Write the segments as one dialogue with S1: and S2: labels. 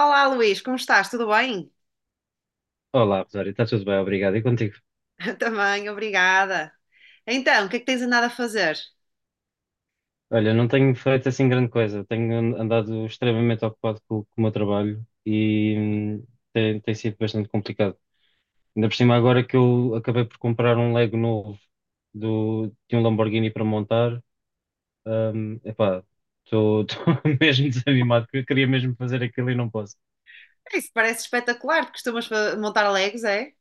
S1: Olá, Luís, como estás? Tudo bem?
S2: Olá, Rosário, está tudo bem, obrigado. E contigo?
S1: Também, obrigada. Então, o que é que tens andado a fazer?
S2: Olha, não tenho feito assim grande coisa, tenho andado extremamente ocupado com o meu trabalho e tem sido bastante complicado. Ainda por cima, agora que eu acabei por comprar um Lego novo de um Lamborghini para montar. Epá, estou mesmo desanimado, porque eu queria mesmo fazer aquilo e não posso.
S1: É. Isso parece espetacular, porque costumas montar Legos, é?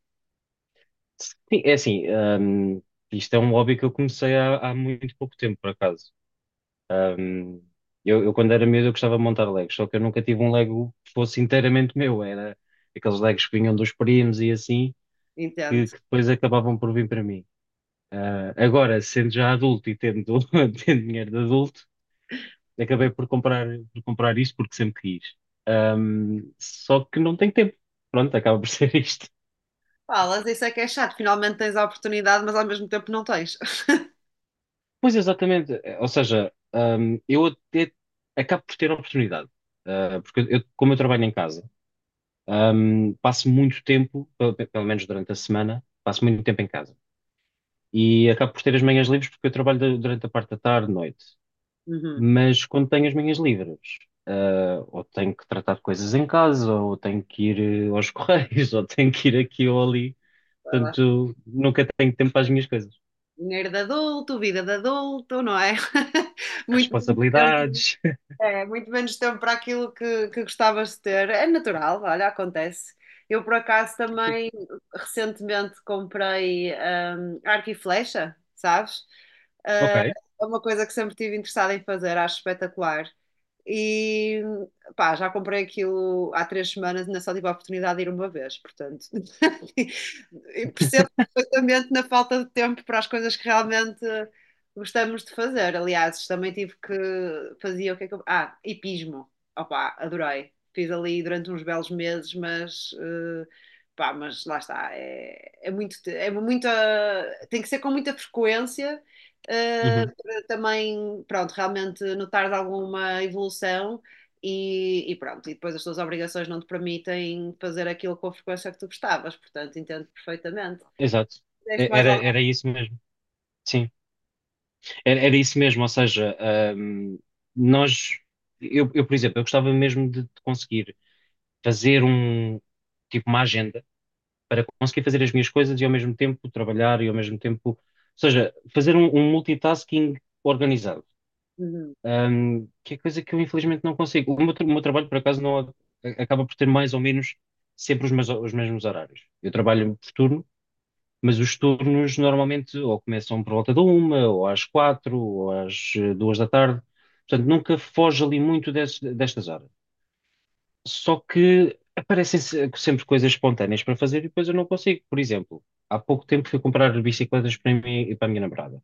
S2: Sim, é assim. Isto é um hobby que eu comecei há muito pouco tempo, por acaso. Um, eu, quando era miúdo, eu gostava de montar Legos, só que eu nunca tive um Lego que fosse inteiramente meu. Era aqueles Legos que vinham dos primos e assim, que,
S1: Entendo.
S2: que depois acabavam por vir para mim. Ah, agora, sendo já adulto e tendo, tendo dinheiro de adulto, acabei por comprar isso porque sempre quis. Só que não tenho tempo. Pronto, acaba por ser isto.
S1: Falas, isso é que é chato. Finalmente tens a oportunidade, mas ao mesmo tempo não tens.
S2: Pois, exatamente. Ou seja, eu até acabo por ter oportunidade. Ah, porque como eu trabalho em casa. Passo muito tempo, pelo menos durante a semana, passo muito tempo em casa. E acabo por ter as manhãs livres porque eu trabalho durante a parte da tarde, noite.
S1: Uhum.
S2: Mas quando tenho as manhãs livres, ou tenho que tratar de coisas em casa, ou tenho que ir aos correios, ou tenho que ir aqui ou ali.
S1: Vai lá.
S2: Portanto, nunca tenho tempo para as minhas coisas.
S1: Dinheiro de adulto, vida de adulto, não é? Muito, muito tempo.
S2: Responsabilidades.
S1: É, muito menos tempo para aquilo que gostavas de ter. É natural, olha, acontece. Eu, por acaso, também recentemente comprei arco e flecha, sabes?
S2: Ok.
S1: Ah, é uma coisa que sempre estive interessada em fazer, acho espetacular. E pá, já comprei aquilo há 3 semanas, ainda só tive a oportunidade de ir uma vez, portanto. E percebo perfeitamente na falta de tempo para as coisas que realmente gostamos de fazer, aliás, também tive que fazia o que é que eu... Ah, hipismo. Opa, adorei. Fiz ali durante uns belos meses, mas pá, mas lá está, é muita, tem que ser com muita frequência,
S2: Uhum.
S1: para também, pronto, realmente notar alguma evolução e pronto, e depois as tuas obrigações não te permitem fazer aquilo com a frequência que tu gostavas, portanto, entendo perfeitamente.
S2: Exato.
S1: Deste mais
S2: Era,
S1: alguma?
S2: era isso mesmo. Sim. Era, isso mesmo, ou seja, nós, eu, por exemplo, eu gostava mesmo de conseguir fazer tipo, uma agenda para conseguir fazer as minhas coisas e ao mesmo tempo trabalhar e ao mesmo tempo, ou seja, fazer um multitasking organizado,
S1: Uhum,
S2: Que é coisa que eu infelizmente não consigo. O meu trabalho, por acaso, não acaba por ter mais ou menos sempre os mesmos horários. Eu trabalho por turno, mas os turnos normalmente ou começam por volta da uma, ou às quatro, ou às duas da tarde. Portanto, nunca foge ali muito destas horas. Só que aparecem sempre coisas espontâneas para fazer e depois eu não consigo. Por exemplo, há pouco tempo fui comprar bicicletas para mim e para a minha namorada.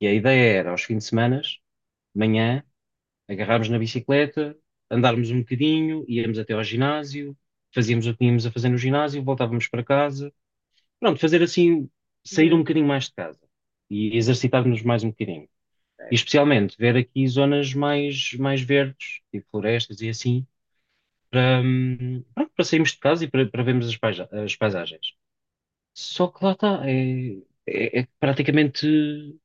S2: E a ideia era, aos fins de semana, de manhã, agarrarmos na bicicleta, andarmos um bocadinho, íamos até ao ginásio, fazíamos o que tínhamos a fazer no ginásio, voltávamos para casa, pronto, fazer assim, sair um
S1: uhum.
S2: bocadinho mais de casa e exercitar-nos mais um bocadinho. E especialmente ver aqui zonas mais verdes, tipo florestas e assim, pronto, para sairmos de casa e para vermos as paisagens. Só que lá está, é praticamente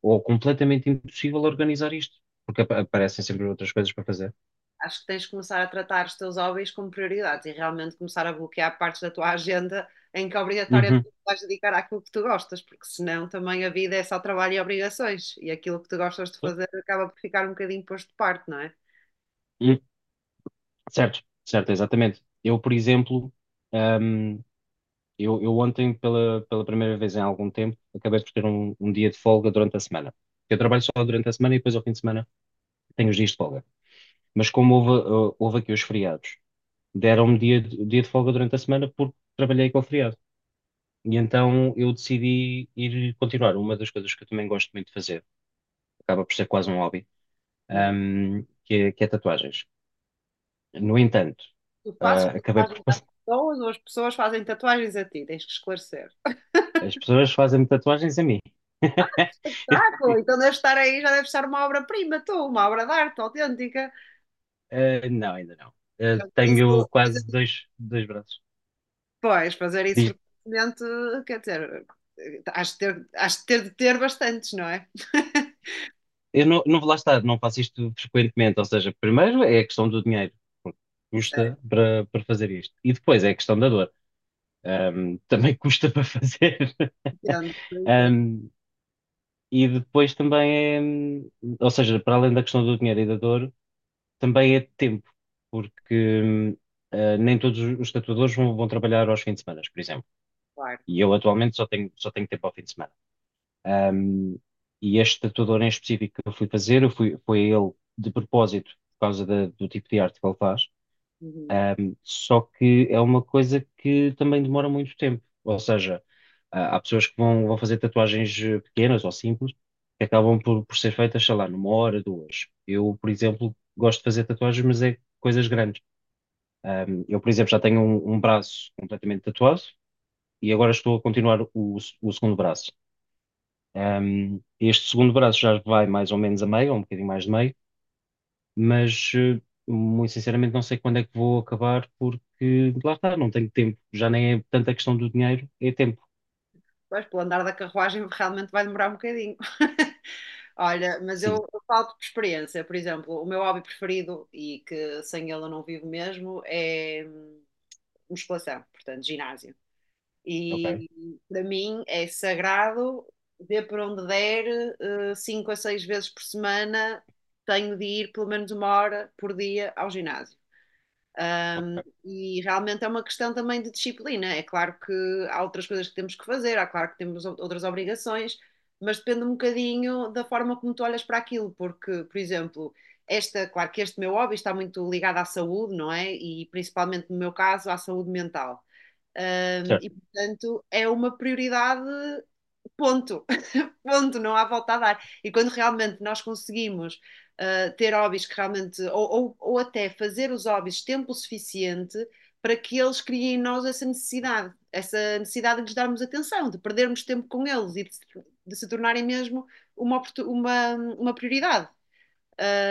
S2: ou completamente impossível organizar isto, porque aparecem sempre outras coisas para fazer.
S1: Acho que tens de começar a tratar os teus hobbies como prioridades e realmente começar a bloquear partes da tua agenda em que obrigatoriamente
S2: Uhum.
S1: vais dedicar àquilo que tu gostas, porque senão também a vida é só trabalho e obrigações e aquilo que tu gostas de fazer acaba por ficar um bocadinho posto de parte, não é?
S2: Hum, certo, certo, exatamente. Eu, por exemplo, hum, eu ontem, pela primeira vez em algum tempo, acabei por ter um dia de folga durante a semana. Eu trabalho só durante a semana e depois ao fim de semana tenho os dias de folga. Mas como houve aqui os feriados, deram-me dia de folga durante a semana porque trabalhei com o feriado. E então eu decidi ir continuar. Uma das coisas que eu também gosto muito de fazer, acaba por ser quase um hobby,
S1: Uhum.
S2: que é tatuagens. No entanto,
S1: Tu fazes
S2: acabei por
S1: tatuagens às
S2: passar.
S1: pessoas ou as pessoas fazem tatuagens a ti, tens que esclarecer.
S2: As pessoas fazem-me tatuagens a mim.
S1: Espetáculo! Então deve estar aí, já deve estar uma obra-prima, tu, uma obra de arte autêntica.
S2: Não, ainda não.
S1: Já te disse
S2: Tenho
S1: fazer.
S2: quase dois braços.
S1: Pois, fazer isso
S2: Diz-
S1: frequentemente, quer dizer, has de ter bastantes, não é?
S2: eu não, não vou lá estar. Não faço isto frequentemente. Ou seja, primeiro é a questão do dinheiro, porque custa
S1: Certo,
S2: para fazer isto. E depois é a questão da dor. Também custa para fazer.
S1: entendo, entendo,
S2: Ahm, e depois também é, ou seja, para além da questão do dinheiro e da dor, também é tempo, porque nem todos os tatuadores vão trabalhar aos fins de semana, por exemplo.
S1: claro.
S2: E eu atualmente só tenho tempo ao fim de semana. Um, e este tatuador em específico que eu fui fazer, foi a ele de propósito, por causa do tipo de arte que ele faz.
S1: Uhum.
S2: Só que é uma coisa que também demora muito tempo. Ou seja, há pessoas que vão fazer tatuagens pequenas ou simples, que acabam por ser feitas, sei lá, numa hora, duas. Eu, por exemplo, gosto de fazer tatuagens, mas é coisas grandes. Eu, por exemplo, já tenho um braço completamente tatuado e agora estou a continuar o segundo braço. Este segundo braço já vai mais ou menos a meio, ou um bocadinho mais de meio, mas muito sinceramente não sei quando é que vou acabar, porque lá está, não tenho tempo. Já nem é tanta questão do dinheiro, é tempo.
S1: Pois, pelo andar da carruagem realmente vai demorar um bocadinho. Olha, mas
S2: Sim,
S1: eu falo por experiência, por exemplo, o meu hobby preferido e que sem ele eu não vivo mesmo é musculação, portanto, ginásio.
S2: ok,
S1: E para mim é sagrado, dê por onde der, 5 a 6 vezes por semana, tenho de ir pelo menos uma hora por dia ao ginásio. Ahm,
S2: ok.
S1: e realmente é uma questão também de disciplina. É claro que há outras coisas que temos que fazer, há claro que temos outras obrigações, mas depende um bocadinho da forma como tu olhas para aquilo, porque, por exemplo, esta, claro que este meu hobby está muito ligado à saúde, não é? E principalmente no meu caso, à saúde mental.
S2: Certo,
S1: E, portanto, é uma prioridade, ponto. Ponto, não há volta a dar. E quando realmente nós conseguimos ter hobbies que realmente, ou até fazer os hobbies tempo suficiente para que eles criem em nós essa necessidade de lhes darmos atenção, de perdermos tempo com eles e de se tornarem mesmo uma prioridade.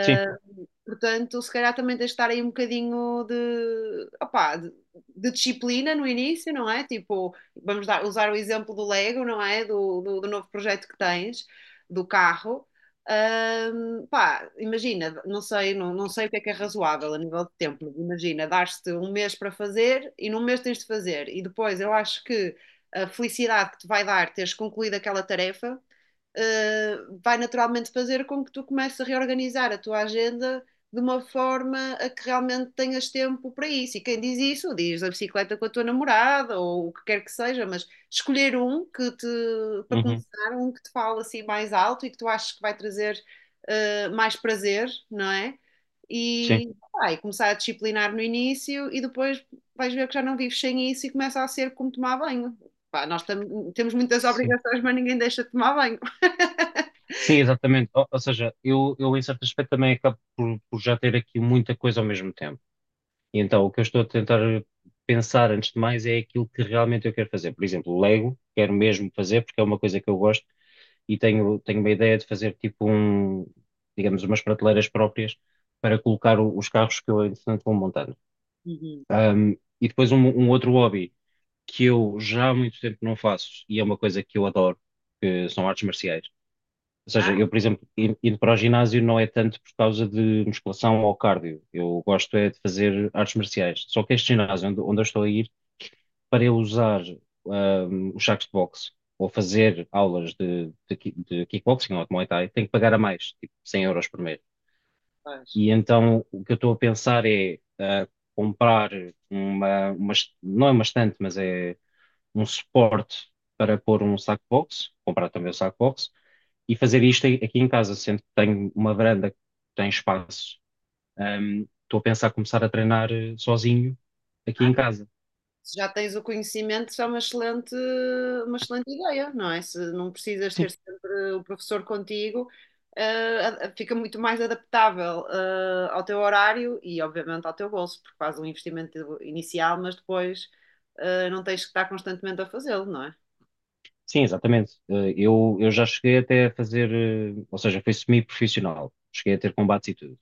S2: sim,
S1: Portanto, se calhar também tens de estar aí um bocadinho opá, de disciplina no início, não é? Tipo, vamos usar o exemplo do Lego, não é? Do novo projeto que tens, do carro. Pá, imagina, não sei o que é razoável a nível de tempo, mas imagina, dar-te um mês para fazer e num mês tens de fazer. E depois eu acho que a felicidade que te vai dar teres concluído aquela tarefa vai naturalmente fazer com que tu comeces a reorganizar a tua agenda de uma forma a que realmente tenhas tempo para isso. E quem diz isso, diz a bicicleta com a tua namorada ou o que quer que seja, mas escolher um que te, para
S2: uhum,
S1: começar, um que te fala assim mais alto e que tu achas que vai trazer mais prazer, não é?
S2: sim,
S1: E, ah, começar a disciplinar no início e depois vais ver que já não vives sem isso e começa a ser como tomar banho. Pá, nós temos muitas
S2: sim.
S1: obrigações, mas ninguém deixa de tomar banho.
S2: Sim, exatamente. Ou seja, eu em certo aspecto também acabo por já ter aqui muita coisa ao mesmo tempo. E então o que eu estou a tentar pensar antes de mais é aquilo que realmente eu quero fazer. Por exemplo, Lego, quero mesmo fazer porque é uma coisa que eu gosto e tenho uma ideia de fazer tipo digamos, umas prateleiras próprias para colocar os carros que eu, entretanto, vou montando.
S1: Uhum.
S2: Ahm, e depois um outro hobby que eu já há muito tempo não faço e é uma coisa que eu adoro, que são artes marciais. Ou
S1: Ah,
S2: seja, eu, por exemplo, indo para o ginásio não é tanto por causa de musculação ou cardio. Eu gosto é de fazer artes marciais. Só que este ginásio onde eu estou a ir para eu usar os sacos de boxe ou fazer aulas de kickboxing ou de Muay Thai, tenho que pagar a mais, tipo 100 € por mês.
S1: pois.
S2: E então o que eu estou a pensar é comprar não é uma estante, mas é um suporte para pôr um saco de boxe, comprar também o saco de boxe e fazer isto aqui em casa, sendo que tenho uma varanda que tem espaço. Estou a pensar começar a treinar sozinho aqui em casa.
S1: Se já tens o conhecimento, isso é uma excelente ideia, não é? Se não precisas
S2: Sim.
S1: ter sempre o professor contigo, fica muito mais adaptável, ao teu horário e, obviamente, ao teu bolso, porque faz um investimento inicial, mas depois, não tens que estar constantemente a fazê-lo, não é?
S2: Sim, exatamente. Eu já cheguei até a fazer, ou seja, foi semi-profissional. Cheguei a ter combates e tudo.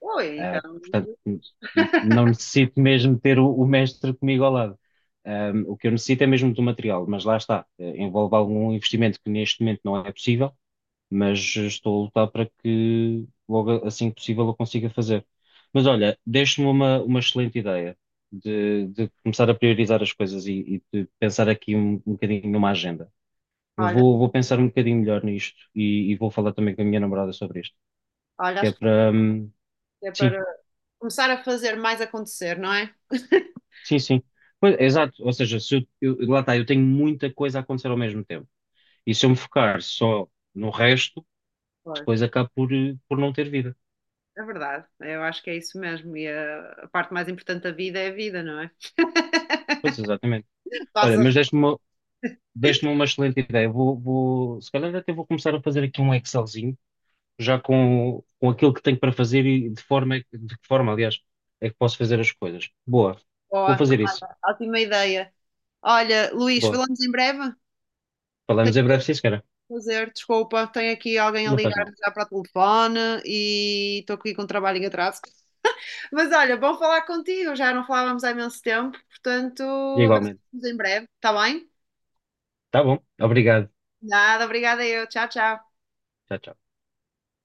S1: Oi,
S2: Ah,
S1: então,
S2: portanto,
S1: Jesus.
S2: não necessito mesmo ter o mestre comigo ao lado. O que eu necessito é mesmo do material, mas lá está. Envolve algum investimento que neste momento não é possível, mas estou a lutar para que logo assim que possível eu consiga fazer. Mas olha, deixe-me uma excelente ideia de começar a priorizar as coisas e de pensar aqui um bocadinho numa agenda. Eu
S1: Olha,
S2: vou pensar um bocadinho melhor nisto e vou falar também com a minha namorada sobre isto,
S1: olha,
S2: que é
S1: acho
S2: para.
S1: que é
S2: Sim,
S1: para começar a fazer mais acontecer, não é?
S2: sim, sim. Pois, exato, ou seja, se eu, eu- lá está, eu tenho muita coisa a acontecer ao mesmo tempo. E se eu me focar só no resto,
S1: Pois.
S2: depois acabo por não ter vida.
S1: É verdade, eu acho que é isso mesmo. E a parte mais importante da vida é a vida, não é?
S2: Pois, exatamente. Olha,
S1: Passas
S2: mas
S1: de
S2: deste-me uma excelente ideia. Vou, se calhar até vou começar a fazer aqui um Excelzinho, já com aquilo que tenho para fazer e de que forma, aliás, é que posso fazer as coisas. Boa, vou
S1: boa,
S2: fazer isso.
S1: ótima ideia. Olha, Luís,
S2: Boa.
S1: falamos em breve.
S2: Falamos em breve, sim, senhora.
S1: Fazer, desculpa, tenho aqui alguém a
S2: Não faz
S1: ligar
S2: mal.
S1: já para o telefone e estou aqui com um trabalho em atraso. Mas olha, bom falar contigo, já não falávamos há imenso tempo, portanto,
S2: E
S1: a ver se
S2: igualmente.
S1: falamos em breve, está bem?
S2: Tá bom. Obrigado.
S1: Nada, obrigada eu. Tchau, tchau.
S2: Tchau, tchau.